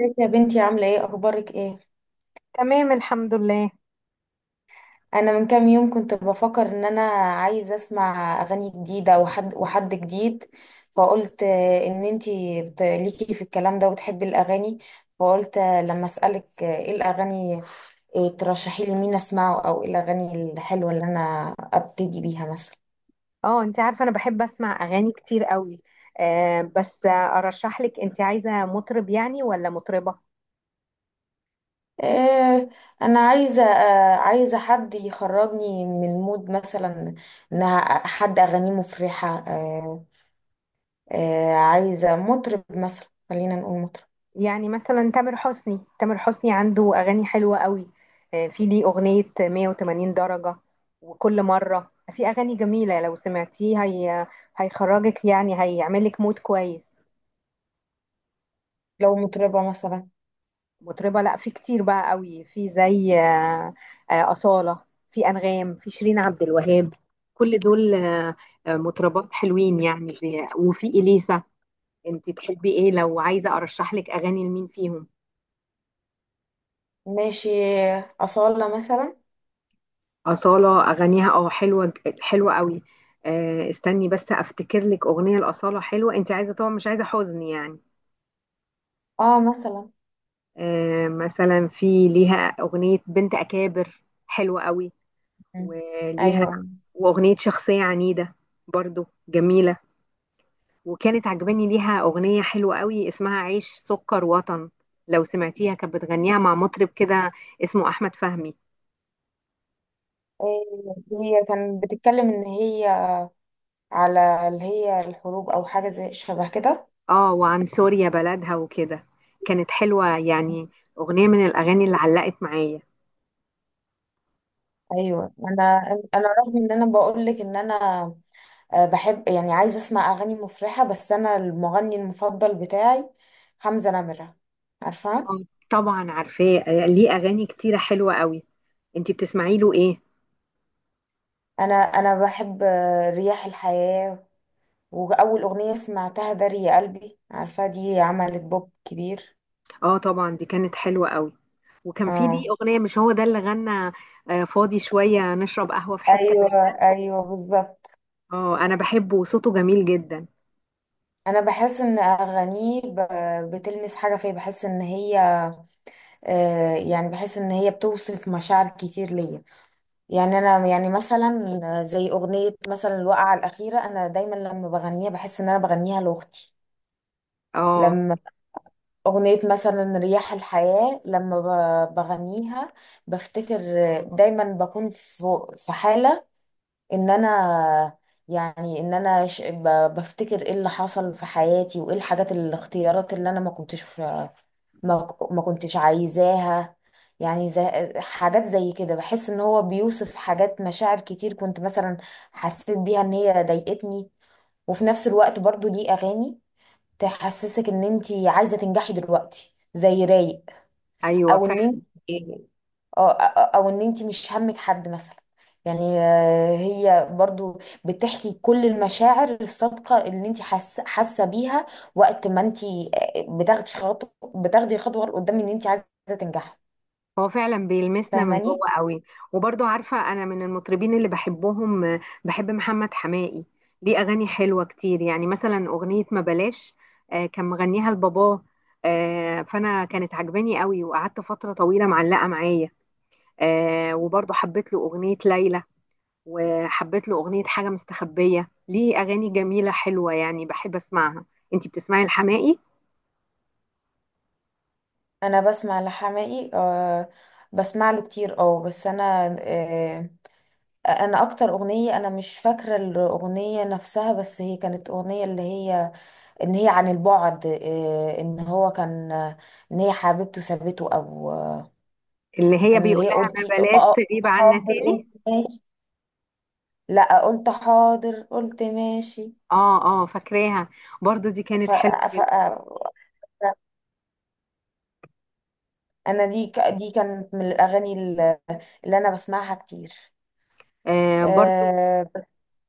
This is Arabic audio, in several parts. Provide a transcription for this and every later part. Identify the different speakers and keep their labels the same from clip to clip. Speaker 1: ازيك يا بنتي؟ عاملة ايه؟ اخبارك ايه؟
Speaker 2: تمام، الحمد لله.
Speaker 1: انا من كام يوم كنت بفكر ان انا عايزة اسمع اغاني جديدة وحد جديد. فقلت ان انتي ليكي في الكلام ده وتحبي الاغاني. فقلت لما اسألك ايه الاغاني؟ ترشحي لي مين اسمعه او ايه الاغاني الحلوة اللي انا ابتدي بيها مثلا؟
Speaker 2: اه، انت عارفه انا بحب اسمع اغاني كتير قوي. آه بس آه، ارشح لك، انت عايزه مطرب يعني ولا مطربه؟
Speaker 1: آه، انا عايزة حد يخرجني من مود مثلا، ان حد اغانيه مفرحة. عايزة مطرب، مثلا خلينا نقول مطرب،
Speaker 2: يعني مثلا تامر حسني، تامر حسني عنده اغاني حلوه قوي. في ليه اغنيه 180 درجه، وكل مره في اغاني جميله. لو سمعتيه هي هيخرجك، يعني هيعملك مود كويس.
Speaker 1: لو مطربة مثلا.
Speaker 2: مطربة؟ لا، في كتير بقى قوي، في زي أصالة، في أنغام، في شيرين عبد الوهاب. كل دول مطربات حلوين يعني، وفي إليسا. انت تحبي ايه؟ لو عايزة أرشح لك أغاني لمين فيهم؟
Speaker 1: ماشي، أصالة مثلا.
Speaker 2: أصالة أغانيها اه حلوة، حلوة قوي. استني بس أفتكر لك أغنية لأصالة حلوة. انت عايزة طبعا مش عايزة حزن يعني؟
Speaker 1: اه، مثلا.
Speaker 2: مثلا في ليها أغنية بنت أكابر حلوة قوي.
Speaker 1: مم.
Speaker 2: وليها
Speaker 1: أيوة.
Speaker 2: واغنيه شخصيه عنيده، برضو جميله. وكانت عجباني ليها اغنيه حلوه قوي اسمها عيش سكر وطن. لو سمعتيها، كانت بتغنيها مع مطرب كده اسمه احمد فهمي.
Speaker 1: آه، هي كانت بتتكلم إن هي على اللي هي الحروب أو حاجة زي شبه كده.
Speaker 2: اه، وعن سوريا بلدها وكده. كانت حلوه يعني، اغنيه من الاغاني اللي علقت معايا.
Speaker 1: أيوة، أنا رغم إن أنا بقولك إن أنا بحب، يعني عايزة أسمع أغاني مفرحة، بس أنا المغني المفضل بتاعي حمزة نمرة، عارفة؟
Speaker 2: آه، طبعا عارفاه، ليه اغاني كتيره حلوه قوي. انتي بتسمعي له ايه؟
Speaker 1: أنا بحب رياح الحياة، واول اغنيه سمعتها داري يا قلبي، عارفه، دي عملت بوب كبير.
Speaker 2: اه، طبعا دي كانت حلوة قوي. وكان في دي
Speaker 1: اه،
Speaker 2: أغنية، مش هو ده اللي غنى فاضي شوية، نشرب قهوة في حتة
Speaker 1: ايوه،
Speaker 2: بعيدة.
Speaker 1: ايوه بالظبط.
Speaker 2: اه، أنا بحبه وصوته جميل جدا.
Speaker 1: انا بحس ان اغانيه بتلمس حاجه فيا، بحس ان هي يعني بحس ان هي بتوصف مشاعر كتير ليا. يعني انا يعني مثلا زي اغنيه مثلا الوقعه الاخيره، انا دايما لما بغنيها بحس ان انا بغنيها لاختي.
Speaker 2: اه،
Speaker 1: لما اغنيه مثلا رياح الحياه، لما بغنيها بفتكر، دايما بكون في حاله ان انا، يعني ان انا بفتكر ايه اللي حصل في حياتي وايه الحاجات، الاختيارات اللي انا ما كنتش، ما كنتش عايزاها. يعني زي حاجات زي كده، بحس ان هو بيوصف حاجات، مشاعر كتير كنت مثلا حسيت بيها ان هي ضايقتني. وفي نفس الوقت برضو ليه اغاني تحسسك ان انت عايزة تنجحي دلوقتي زي رايق،
Speaker 2: أيوة
Speaker 1: او ان
Speaker 2: فعلا.
Speaker 1: انت، اه، او ان انت مش همك حد مثلا. يعني هي برضو بتحكي كل المشاعر الصادقة اللي انت حاسة بيها وقت ما انت، بتاخدي خطوة بتاخدي خطوة لقدام، ان انت عايزة تنجحي.
Speaker 2: هو فعلا بيلمسنا من
Speaker 1: فاهماني؟
Speaker 2: جوه قوي. وبرضو عارفة أنا من المطربين اللي بحبهم، بحب محمد حماقي. ليه أغاني حلوة كتير، يعني مثلا أغنية ما بلاش. كان مغنيها لباباه، فأنا كانت عجباني قوي وقعدت فترة طويلة معلقة معايا. وبرضو حبيت له أغنية ليلى، وحبيت له أغنية حاجة مستخبية. ليه أغاني جميلة حلوة يعني بحب أسمعها. أنتي بتسمعي الحماقي؟
Speaker 1: انا بسمع لحماقي، أه، بسمع له كتير. اه، بس انا، أه، انا اكتر اغنية، انا مش فاكرة الاغنية نفسها، بس هي كانت اغنية اللي هي ان هي عن البعد، ان هو كان، ان هي حبيبته سابته، او
Speaker 2: اللي هي
Speaker 1: كان اللي
Speaker 2: بيقول
Speaker 1: هي
Speaker 2: لها ما
Speaker 1: قلتي اه،
Speaker 2: بلاش
Speaker 1: قلت
Speaker 2: تغيب عنا
Speaker 1: حاضر
Speaker 2: تاني.
Speaker 1: قلت ماشي. لا، قلت حاضر قلت ماشي.
Speaker 2: اه، اه، فاكراها. برضو دي
Speaker 1: ف...
Speaker 2: كانت حلوة
Speaker 1: ف...
Speaker 2: جدا.
Speaker 1: انا دي دي كانت من الاغاني اللي انا بسمعها كتير.
Speaker 2: برضو.
Speaker 1: آه،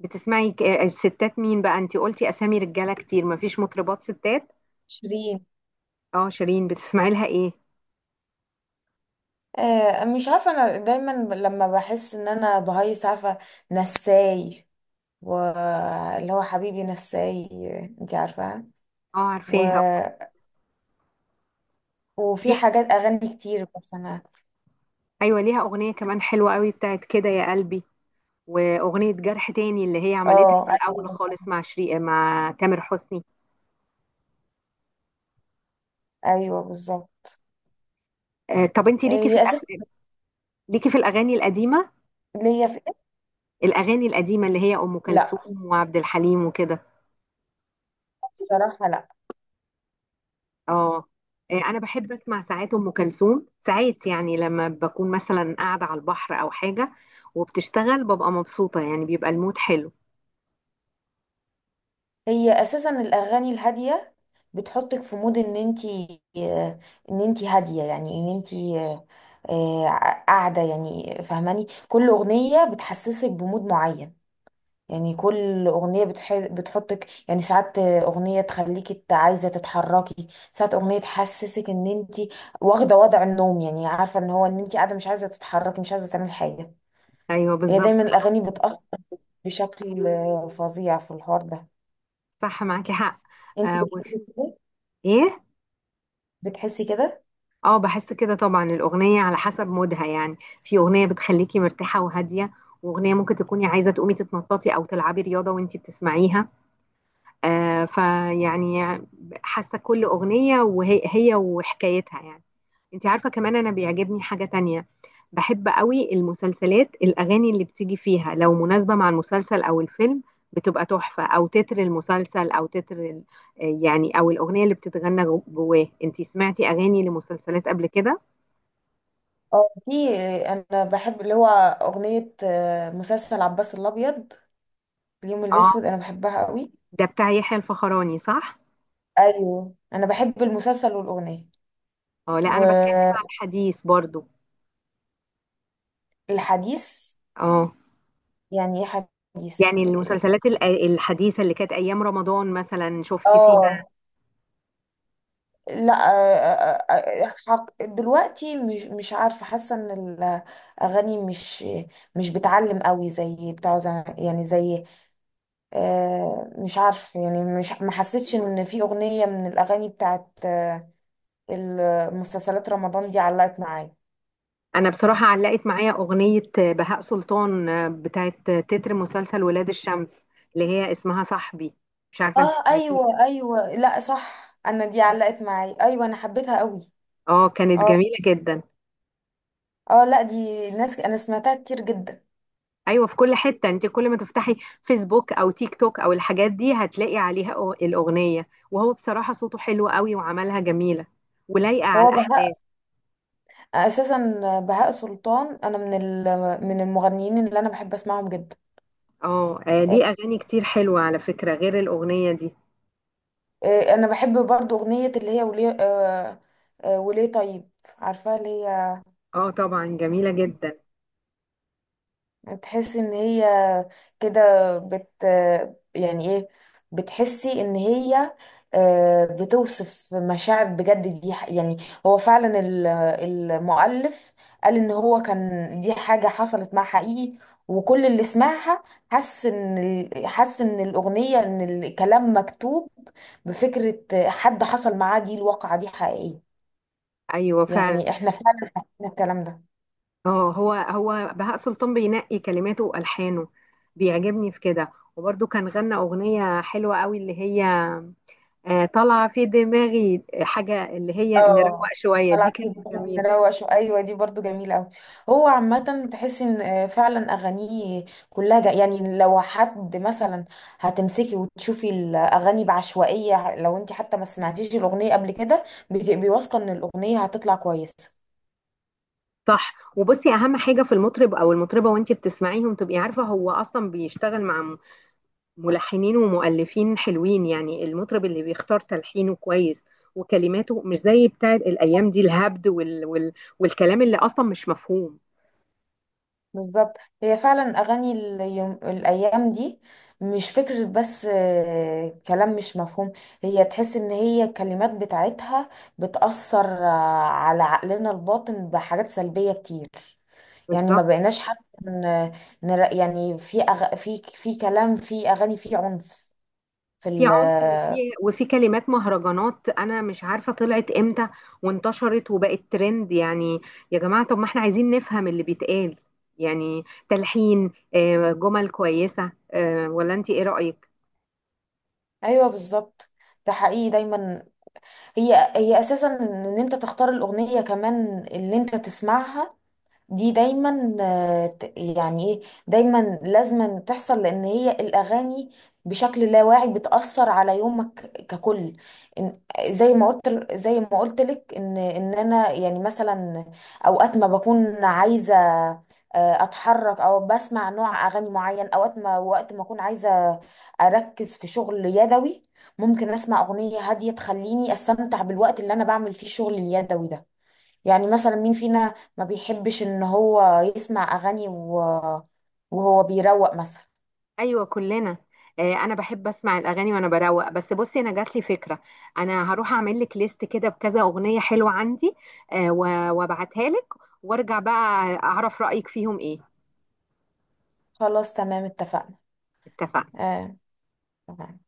Speaker 2: بتسمعي الستات مين بقى؟ أنتي قلتي أسامي رجالة كتير، مفيش مطربات ستات؟
Speaker 1: شيرين.
Speaker 2: اه، شيرين، بتسمعي لها إيه؟
Speaker 1: مش عارفه، انا دايما لما بحس ان انا بهيص، عارفه، نساي، واللي هو حبيبي نساي، انت عارفه.
Speaker 2: اه، عارفاها.
Speaker 1: وفي
Speaker 2: ليها
Speaker 1: حاجات اغاني كتير بس انا.
Speaker 2: أيوة، ليها أغنية كمان حلوة قوي بتاعت كده يا قلبي، وأغنية جرح تاني، اللي هي عملتها
Speaker 1: اه،
Speaker 2: في الأول
Speaker 1: ايوه،
Speaker 2: خالص مع شريق مع تامر حسني.
Speaker 1: ايوه بالظبط.
Speaker 2: طب انت ليكي في
Speaker 1: هي اساسا
Speaker 2: الافلام؟ ليكي في الاغاني القديمه؟
Speaker 1: ليا في إيه؟
Speaker 2: الاغاني القديمه اللي هي ام
Speaker 1: لا،
Speaker 2: كلثوم وعبد الحليم وكده.
Speaker 1: الصراحه لا.
Speaker 2: اه، انا بحب اسمع ساعات ام كلثوم ساعات، يعني لما بكون مثلا قاعده على البحر او حاجه وبتشتغل، ببقى مبسوطه، يعني بيبقى المود حلو.
Speaker 1: هي اساسا الاغاني الهاديه بتحطك في مود ان انتي، ان انتي هاديه، يعني ان انتي قاعده، يعني فاهماني؟ كل اغنيه بتحسسك بمود معين. يعني كل أغنية بتحطك، يعني ساعات أغنية تخليكي عايزة تتحركي، ساعات أغنية تحسسك إن أنتي واخدة وضع النوم، يعني عارفة إن هو، إن أنتي قاعدة مش عايزة تتحركي، مش عايزة تعملي حاجة.
Speaker 2: ايوه،
Speaker 1: هي
Speaker 2: بالظبط،
Speaker 1: دايما
Speaker 2: خلاص.
Speaker 1: الأغاني بتأثر بشكل فظيع في الحوار ده.
Speaker 2: صح، معاكي حق.
Speaker 1: أنتي
Speaker 2: آه وف...
Speaker 1: بتحسي كده؟
Speaker 2: ايه؟
Speaker 1: بتحسي كده؟
Speaker 2: اه، بحس كده طبعا. الاغنيه على حسب مودها يعني. في اغنيه بتخليكي مرتاحه وهاديه، واغنيه ممكن تكوني عايزه تقومي تتنططي او تلعبي رياضه وانتي بتسمعيها. فيعني حاسة كل أغنية وهي هي وحكايتها يعني. انت عارفة، كمان أنا بيعجبني حاجة تانية. بحب قوي المسلسلات، الأغاني اللي بتيجي فيها لو مناسبة مع المسلسل أو الفيلم بتبقى تحفة، أو تتر المسلسل أو تتر يعني أو الأغنية اللي بتتغنى جواه. انت سمعتي أغاني لمسلسلات قبل كده؟
Speaker 1: اه، في. أنا بحب اللي هو أغنية مسلسل عباس الأبيض، اليوم الأسود،
Speaker 2: اه،
Speaker 1: أنا بحبها قوي.
Speaker 2: ده بتاع يحيى الفخراني صح؟
Speaker 1: أيوه أنا بحب المسلسل والأغنية.
Speaker 2: اه، لا، أنا بتكلم على الحديث برضو.
Speaker 1: والحديث،
Speaker 2: اه،
Speaker 1: يعني حديث
Speaker 2: يعني
Speaker 1: إيه؟
Speaker 2: المسلسلات الحديثة اللي كانت أيام رمضان مثلا، شفتي فيها؟
Speaker 1: اه، لا، دلوقتي، مش عارفة، حاسة ان الاغاني مش، مش بتعلم قوي زي بتاع زمان، يعني زي، مش عارفة، يعني مش، ما حسيتش ان في اغنية من الاغاني بتاعت المسلسلات، رمضان دي علقت معايا.
Speaker 2: أنا بصراحة علقت معايا أغنية بهاء سلطان، بتاعت تتر مسلسل ولاد الشمس، اللي هي اسمها صاحبي. مش عارفة أنت
Speaker 1: اه،
Speaker 2: سمعتيها؟
Speaker 1: ايوه، ايوه، لا صح، انا دي علقت معايا، ايوه انا حبيتها قوي.
Speaker 2: اه، كانت
Speaker 1: اه،
Speaker 2: جميلة جدا.
Speaker 1: اه، لا، دي ناس انا سمعتها كتير جدا.
Speaker 2: أيوة، في كل حتة، أنت كل ما تفتحي فيسبوك أو تيك توك أو الحاجات دي، هتلاقي عليها الأغنية. وهو بصراحة صوته حلو قوي، وعملها جميلة ولايقة على
Speaker 1: هو
Speaker 2: الأحداث.
Speaker 1: اساسا بهاء سلطان، انا من من المغنيين اللي انا بحب اسمعهم جدا.
Speaker 2: اه،
Speaker 1: آه،
Speaker 2: ليه أغاني كتير حلوة على فكرة غير الأغنية دي.
Speaker 1: انا بحب برضو اغنيه اللي هي وليه، وليه طيب، عارفاها، اللي هي
Speaker 2: اه، طبعا جميلة جدا.
Speaker 1: تحسي ان هي كده بت، يعني ايه، بتحسي ان هي بتوصف مشاعر بجد. دي يعني هو فعلا المؤلف قال ان هو كان دي حاجة حصلت مع حقيقي، وكل اللي سمعها حس ان حس ان الاغنية، ان الكلام مكتوب بفكرة حد حصل معاه، دي الواقعة دي حقيقية.
Speaker 2: ايوه فعلا.
Speaker 1: يعني احنا فعلا حسينا الكلام ده.
Speaker 2: اه، هو هو بهاء سلطان بينقي كلماته والحانه، بيعجبني في كده. وبرده كان غنى اغنيه حلوه قوي اللي هي طالعه في دماغي حاجه، اللي هي نروق
Speaker 1: اه،
Speaker 2: شويه. دي
Speaker 1: طلع في
Speaker 2: كانت
Speaker 1: بقى
Speaker 2: جميله.
Speaker 1: مروق شو، ايوه دي برضو جميله قوي. هو عامه تحس ان فعلا اغانيه كلها جا، يعني لو حد مثلا هتمسكي وتشوفي الاغاني بعشوائيه، لو انت حتى ما سمعتيش الاغنيه قبل كده، بتبقي واثقه ان الاغنيه هتطلع كويسه.
Speaker 2: صح. وبصي، اهم حاجه في المطرب او المطربه وانتي بتسمعيهم، تبقي عارفه هو اصلا بيشتغل مع ملحنين ومؤلفين حلوين. يعني المطرب اللي بيختار تلحينه كويس وكلماته، مش زي بتاعت الايام دي، الهبد والكلام اللي اصلا مش مفهوم.
Speaker 1: بالظبط، هي فعلا اغاني اليوم، الايام دي مش فكرة، بس كلام مش مفهوم. هي تحس ان هي الكلمات بتاعتها بتأثر على عقلنا الباطن بحاجات سلبية كتير. يعني
Speaker 2: بالظبط.
Speaker 1: ما بقيناش حتى يعني، في في كلام، في اغاني، في عنف، في
Speaker 2: في
Speaker 1: ال...
Speaker 2: عنف وفي كلمات مهرجانات انا مش عارفه طلعت امتى وانتشرت وبقت ترند يعني. يا جماعه، طب ما احنا عايزين نفهم اللي بيتقال، يعني تلحين جمل كويسه، ولا انت ايه رايك؟
Speaker 1: ايوه بالظبط. ده حقيقي دايما، هي اساسا ان انت تختار الاغنية كمان اللي انت تسمعها. دي دايما يعني ايه، دايما لازما تحصل، لان هي الاغاني بشكل لا واعي بتأثر على يومك ككل. إن- زي ما قلت لك ان ان انا، يعني مثلا، اوقات ما بكون عايزة اتحرك او بسمع نوع اغاني معين، اوقات ما، وقت ما اكون عايزة اركز في شغل يدوي، ممكن اسمع اغنية هادية تخليني استمتع بالوقت اللي انا بعمل فيه الشغل اليدوي ده. يعني مثلا مين فينا ما بيحبش ان هو يسمع اغاني وهو بيروق مثلا.
Speaker 2: ايوه، كلنا. انا بحب اسمع الاغاني وانا بروق. بس بصي، انا جات لي فكره. انا هروح اعمل لك ليست كده بكذا اغنيه حلوه عندي وابعتها لك، وارجع بقى اعرف رايك فيهم ايه.
Speaker 1: خلاص، تمام، اتفقنا.
Speaker 2: اتفقنا.
Speaker 1: آه. تمام.